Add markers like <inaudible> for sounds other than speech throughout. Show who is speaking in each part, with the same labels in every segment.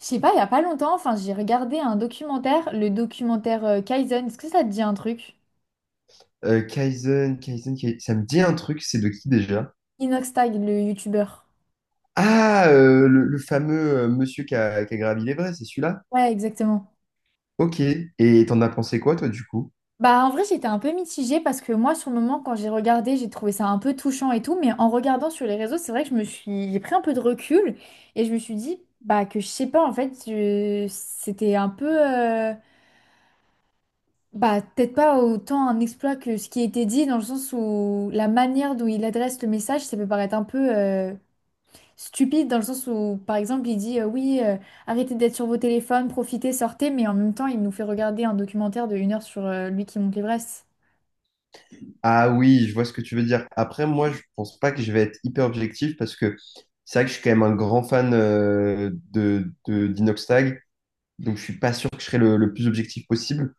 Speaker 1: Je sais pas, il y a pas longtemps, enfin, j'ai regardé un documentaire, le documentaire Kaizen. Est-ce que ça te dit un truc?
Speaker 2: Kaizen, Kaizen, Kai- ça me dit un truc, c'est de qui déjà?
Speaker 1: Inox Tag, le youtubeur.
Speaker 2: Ah, le fameux monsieur qui a gravi l'Everest, c'est celui-là?
Speaker 1: Ouais, exactement.
Speaker 2: Ok. Et t'en as pensé quoi, toi, du coup?
Speaker 1: Bah, en vrai, j'étais un peu mitigée parce que moi, sur le moment, quand j'ai regardé, j'ai trouvé ça un peu touchant et tout. Mais en regardant sur les réseaux, c'est vrai que j'ai pris un peu de recul et je me suis dit, bah, que je sais pas, en fait, c'était un peu, bah, peut-être pas autant un exploit que ce qui était dit dans le sens où la manière dont il adresse le message, ça peut paraître un peu, stupide dans le sens où, par exemple, il dit oui, arrêtez d'être sur vos téléphones, profitez, sortez, mais en même temps, il nous fait regarder un documentaire de une heure sur lui qui monte l'Everest.
Speaker 2: Ah oui, je vois ce que tu veux dire. Après, moi, je pense pas que je vais être hyper objectif parce que c'est vrai que je suis quand même un grand fan d'Inoxtag, donc je suis pas sûr que je serai le plus objectif possible.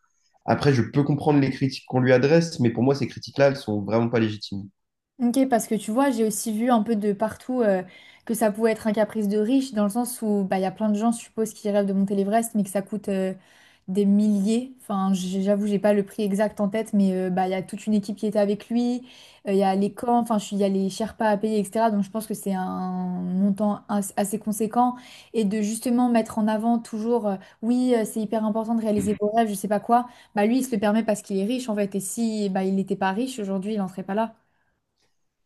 Speaker 2: Après, je peux comprendre les critiques qu'on lui adresse, mais pour moi, ces critiques-là, elles sont vraiment pas légitimes.
Speaker 1: Ok, parce que tu vois, j'ai aussi vu un peu de partout que ça pouvait être un caprice de riche, dans le sens où bah, il y a plein de gens, je suppose, qui rêvent de monter l'Everest, mais que ça coûte des milliers. Enfin, j'avoue, j'ai pas le prix exact en tête, mais bah, il y a toute une équipe qui était avec lui, il y a les camps, enfin, il y a les Sherpas à payer, etc. Donc, je pense que c'est un montant assez conséquent. Et de justement mettre en avant toujours, oui, c'est hyper important de réaliser vos rêves, je sais pas quoi, bah, lui, il se le permet parce qu'il est riche, en fait. Et si bah, il n'était pas riche, aujourd'hui, il n'en serait pas là.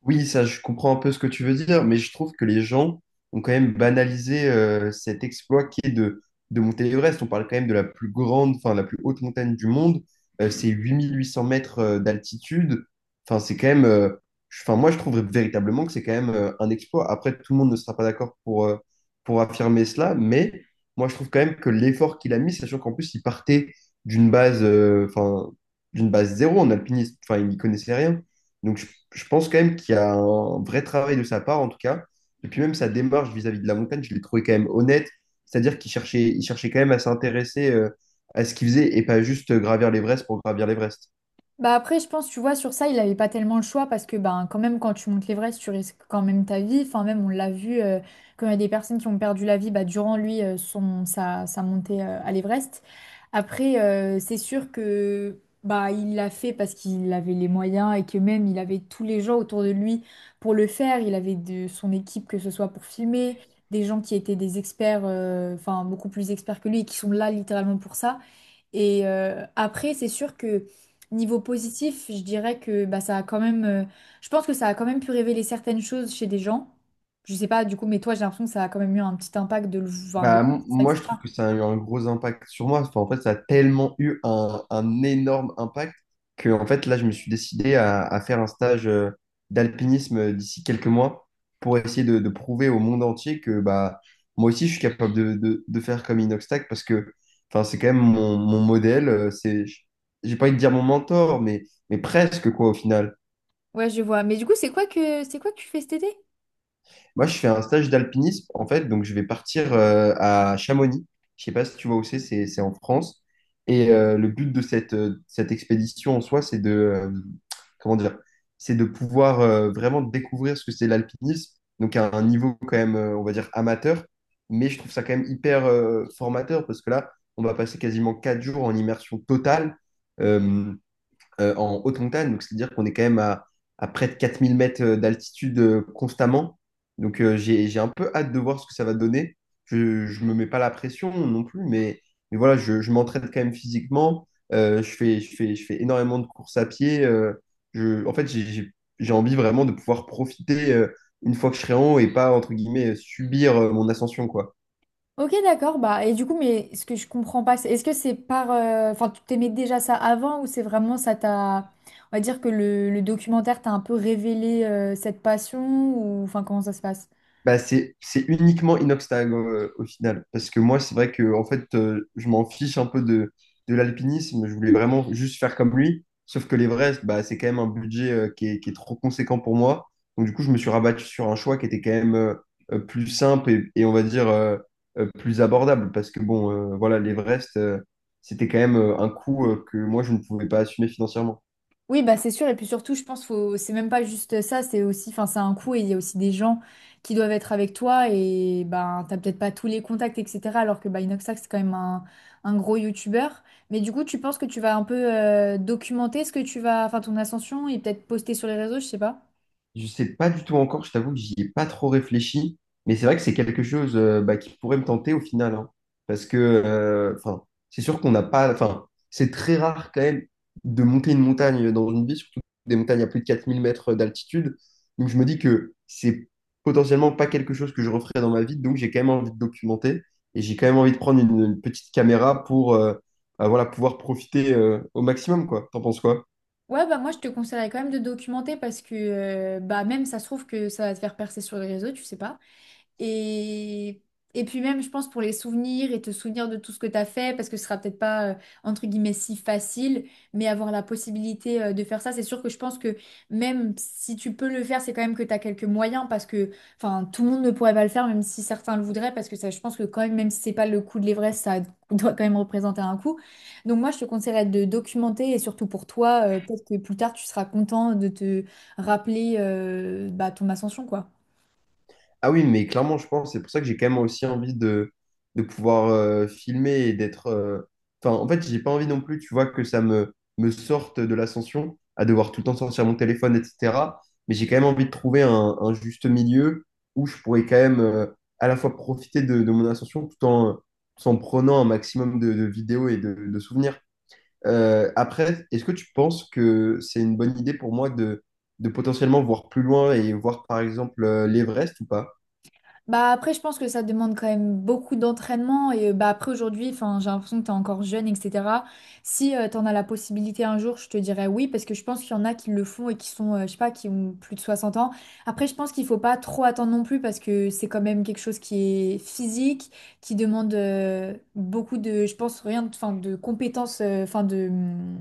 Speaker 2: Oui, ça, je comprends un peu ce que tu veux dire, mais je trouve que les gens ont quand même banalisé cet exploit qui est de monter l'Everest. On parle quand même de la plus grande, enfin, la plus haute montagne du monde. C'est 8 800 mètres d'altitude. Enfin, c'est quand même. Je- Enfin, moi, je trouve véritablement que c'est quand même un exploit. Après, tout le monde ne sera pas d'accord pour affirmer cela, mais moi, je trouve quand même que l'effort qu'il a mis, sachant qu'en plus, il partait d'une base, euh, enfin, d'une base zéro en alpinisme. Enfin, il n'y connaissait rien. Donc, je, je pense quand même qu'il y a un vrai travail de sa part, en tout cas. Et puis même sa démarche vis-à-vis de la montagne, je l'ai trouvé quand même honnête. C'est-à-dire qu'il cherchait quand même à s'intéresser à ce qu'il faisait et pas juste gravir l'Everest pour gravir l'Everest.
Speaker 1: Bah après, je pense, tu vois, sur ça, il n'avait pas tellement le choix parce que ben, quand même, quand tu montes l'Everest, tu risques quand même ta vie. Enfin, même, on l'a vu, quand il y a des personnes qui ont perdu la vie bah, durant lui, sa montée à l'Everest. Après, c'est sûr que bah, il l'a fait parce qu'il avait les moyens et que même, il avait tous les gens autour de lui pour le faire. Il avait de son équipe, que ce soit pour filmer, des gens qui étaient des experts, enfin, beaucoup plus experts que lui et qui sont là littéralement pour ça. Et après, c'est sûr que... Niveau positif, je dirais que bah, ça a quand même, je pense que ça a quand même pu révéler certaines choses chez des gens. Je sais pas, du coup, mais toi, j'ai l'impression que ça a quand même eu un petit impact de le enfin, de
Speaker 2: Bah,
Speaker 1: ça,
Speaker 2: moi, je trouve
Speaker 1: etc.
Speaker 2: que ça a eu un gros impact sur moi. Enfin, en fait, ça a tellement eu un énorme impact que, en fait, là, je me suis décidé à faire un stage d'alpinisme d'ici quelques mois pour essayer de prouver au monde entier que bah, moi aussi, je suis capable de faire comme Inoxtag parce que enfin, c'est quand même mon modèle. J'ai pas envie de dire mon mentor, mais presque, quoi, au final.
Speaker 1: Ouais, je vois. Mais du coup, c'est quoi que tu fais cet été?
Speaker 2: Moi, je fais un stage d'alpinisme, en fait, donc je vais partir à Chamonix. Je sais pas si tu vois où c'est, c'est en France. Et le but de cette expédition en soi, c'est de, comment dire, c'est de pouvoir vraiment découvrir ce que c'est l'alpinisme, donc à un niveau quand même, on va dire, amateur. Mais je trouve ça quand même hyper formateur parce que là, on va passer quasiment 4 jours en immersion totale. Euh, En haute montagne. Donc, c'est-à-dire qu'on est quand même à près de 4 000 mètres d'altitude constamment. Donc, j'ai un peu hâte de voir ce que ça va donner. Je ne me mets pas la pression non plus, mais voilà, je m'entraîne quand même physiquement. Je fais énormément de courses à pied. Je, en fait, j'ai- J'ai envie vraiment de pouvoir profiter une fois que je serai en haut et pas, entre guillemets, subir mon ascension, quoi.
Speaker 1: Ok, d'accord. Bah, et du coup, mais ce que je comprends pas, est-ce que c'est par, enfin, tu t'aimais déjà ça avant ou c'est vraiment ça t'a. On va dire que le documentaire t'a un peu révélé cette passion ou. Enfin, comment ça se passe?
Speaker 2: Bah, c'est uniquement Inoxtag au final. Parce que moi, c'est vrai que en fait, je m'en fiche un peu de l'alpinisme. Je voulais vraiment juste faire comme lui. Sauf que l'Everest, bah, c'est quand même un budget qui est trop conséquent pour moi. Donc, du coup, je me suis rabattu sur un choix qui était quand même plus simple et on va dire plus abordable. Parce que bon, voilà, l'Everest, c'était quand même un coût que moi, je ne pouvais pas assumer financièrement.
Speaker 1: Oui, bah c'est sûr. Et puis surtout, je pense faut c'est même pas juste ça, c'est aussi, enfin, c'est un coût et il y a aussi des gens qui doivent être avec toi et ben t'as peut-être pas tous les contacts, etc. Alors que bah, Inoxac, c'est quand même un gros youtubeur. Mais du coup, tu penses que tu vas un peu documenter ce que tu vas, enfin ton ascension et peut-être poster sur les réseaux, je sais pas.
Speaker 2: Je sais pas du tout encore, je t'avoue que j'y ai pas trop réfléchi, mais c'est vrai que c'est quelque chose bah, qui pourrait me tenter au final, hein. Parce que enfin, c'est sûr qu'on n'a pas, enfin, c'est très rare quand même de monter une montagne dans une vie, surtout des montagnes à plus de 4 000 mètres d'altitude. Donc je me dis que c'est potentiellement pas quelque chose que je referai dans ma vie, donc j'ai quand même envie de documenter et j'ai quand même envie de prendre une petite caméra pour bah, voilà, pouvoir profiter au maximum, quoi. T'en penses quoi?
Speaker 1: Ouais, bah moi je te conseillerais quand même de documenter parce que bah même ça se trouve que ça va te faire percer sur les réseaux, tu sais pas. Et, et puis même, je pense, pour les souvenirs et te souvenir de tout ce que tu as fait, parce que ce sera peut-être pas, entre guillemets, si facile, mais avoir la possibilité, de faire ça, c'est sûr que je pense que même si tu peux le faire, c'est quand même que tu as quelques moyens, parce que, enfin, tout le monde ne pourrait pas le faire, même si certains le voudraient, parce que ça, je pense que quand même, même si c'est pas le coût de l'Everest, ça <laughs> doit quand même représenter un coût. Donc moi, je te conseillerais de documenter, et surtout pour toi, peut-être que plus tard, tu seras content de te rappeler, bah, ton ascension, quoi.
Speaker 2: Ah oui, mais clairement, je pense, c'est pour ça que j'ai quand même aussi envie de pouvoir filmer et enfin, en fait, j'ai pas envie non plus, tu vois, que ça me sorte de l'ascension, à devoir tout le temps sortir mon téléphone, etc. Mais j'ai quand même envie de trouver un juste milieu où je pourrais quand même à la fois profiter de mon ascension tout en, tout en prenant un maximum de vidéos et de souvenirs. Après, est-ce que tu penses que c'est une bonne idée pour moi de potentiellement voir plus loin et voir, par exemple, l'Everest ou pas?
Speaker 1: Bah après, je pense que ça demande quand même beaucoup d'entraînement et bah après aujourd'hui, enfin, j'ai l'impression que t'es encore jeune, etc. Si tu t'en as la possibilité un jour, je te dirais oui parce que je pense qu'il y en a qui le font et qui sont, je sais pas, qui ont plus de 60 ans. Après, je pense qu'il faut pas trop attendre non plus parce que c'est quand même quelque chose qui est physique, qui demande beaucoup de, je pense rien, enfin, de compétences, enfin de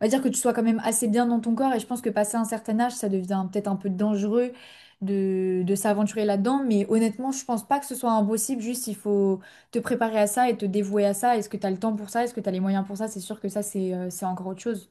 Speaker 1: on va dire que tu sois quand même assez bien dans ton corps et je pense que passé un certain âge, ça devient peut-être un peu dangereux de s'aventurer là-dedans. Mais honnêtement, je pense pas que ce soit impossible, juste il faut te préparer à ça et te dévouer à ça. Est-ce que tu as le temps pour ça? Est-ce que tu as les moyens pour ça? C'est sûr que ça, c'est encore autre chose.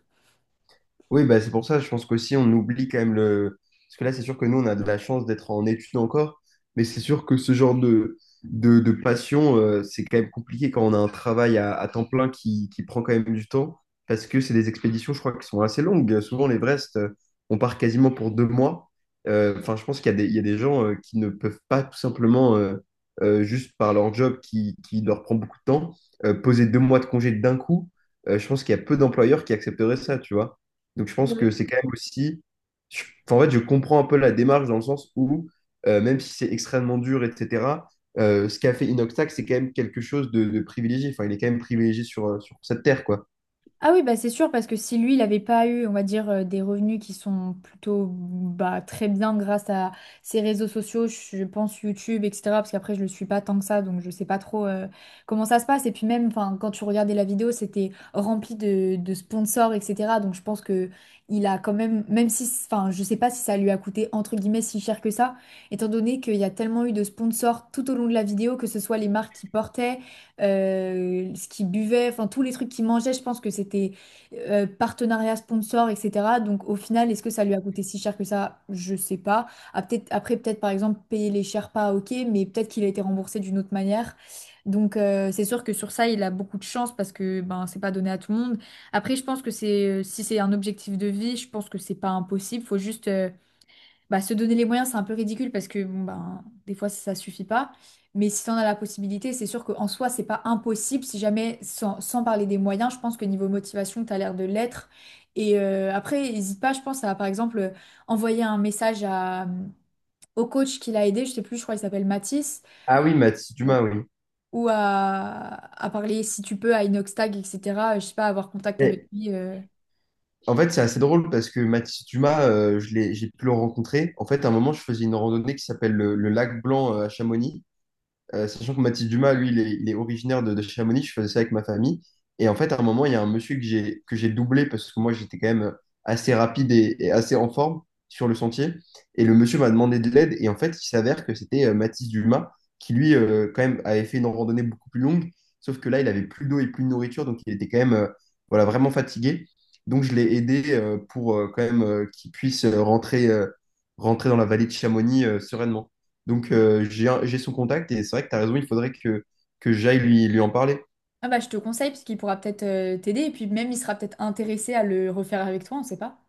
Speaker 2: Oui, bah, c'est pour ça, je pense qu'aussi on oublie quand même le... Parce que là, c'est sûr que nous, on a de la chance d'être en études encore, mais c'est sûr que ce genre de passion, c'est quand même compliqué quand on a un travail à temps plein qui prend quand même du temps, parce que c'est des expéditions, je crois, qui sont assez longues. Souvent, l'Everest, on part quasiment pour 2 mois. Enfin, je pense qu'il y a il y a des gens qui ne peuvent pas tout simplement, juste par leur job qui leur prend beaucoup de temps, poser 2 mois de congé d'un coup. Je pense qu'il y a peu d'employeurs qui accepteraient ça, tu vois. Donc je pense que c'est quand même aussi... enfin, en fait, je comprends un peu la démarche dans le sens où, même si c'est extrêmement dur, etc., ce qu'a fait Inoxtag, c'est quand même quelque chose de privilégié. Enfin, il est quand même privilégié sur, sur cette terre, quoi.
Speaker 1: Ah oui, bah c'est sûr, parce que si lui, il n'avait pas eu, on va dire, des revenus qui sont plutôt bah, très bien grâce à ses réseaux sociaux, je pense YouTube, etc. Parce qu'après, je le suis pas tant que ça, donc je sais pas trop comment ça se passe. Et puis même, enfin, quand tu regardais la vidéo, c'était rempli de sponsors, etc. Donc je pense que il a quand même, même si, enfin, je sais pas si ça lui a coûté, entre guillemets, si cher que ça, étant donné qu'il y a tellement eu de sponsors tout au long de la vidéo, que ce soit les marques qui portaient ce qu'ils buvaient, enfin tous les trucs qu'ils mangeaient, je pense que c'était partenariat sponsor, etc. Donc au final, est-ce que ça lui a coûté si cher que ça? Je sais pas. Ah, peut-être, après, peut-être par exemple payer les Sherpas, ok, mais peut-être qu'il a été remboursé d'une autre manière. Donc c'est sûr que sur ça, il a beaucoup de chance parce que ben c'est pas donné à tout le monde. Après, je pense que c'est si c'est un objectif de vie, je pense que c'est pas impossible. Faut juste bah, se donner les moyens, c'est un peu ridicule parce que bon, ben, des fois, ça suffit pas. Mais si tu en as la possibilité, c'est sûr qu'en soi, c'est pas impossible. Si jamais, sans parler des moyens, je pense que niveau motivation, tu as l'air de l'être. Et après, n'hésite pas, je pense, à par exemple envoyer un message à, au coach qui l'a aidé. Je sais plus, je crois qu'il s'appelle Mathis
Speaker 2: Ah oui, Mathis Dumas, oui.
Speaker 1: ou à parler si tu peux à Inoxtag Tag, etc. Je sais pas, avoir contact avec
Speaker 2: Et
Speaker 1: lui.
Speaker 2: en fait, c'est assez drôle parce que Mathis Dumas, j'ai pu le rencontrer. En fait, à un moment, je faisais une randonnée qui s'appelle le lac Blanc à Chamonix. Sachant que Mathis Dumas, lui, il est originaire de Chamonix, je faisais ça avec ma famille. Et en fait, à un moment, il y a un monsieur que j'ai doublé parce que moi, j'étais quand même assez rapide et assez en forme sur le sentier. Et le monsieur m'a demandé de l'aide. Et en fait, il s'avère que c'était Mathis Dumas qui, lui, quand même, avait fait une randonnée beaucoup plus longue. Sauf que là, il avait plus d'eau et plus de nourriture. Donc, il était quand même voilà, vraiment fatigué. Donc, je l'ai aidé pour quand même qu'il puisse rentrer dans la vallée de Chamonix sereinement. Donc, j'ai son contact et c'est vrai que tu as raison, il faudrait que j'aille lui en parler.
Speaker 1: Ah bah je te conseille parce qu'il pourra peut-être t'aider et puis même il sera peut-être intéressé à le refaire avec toi, on sait pas.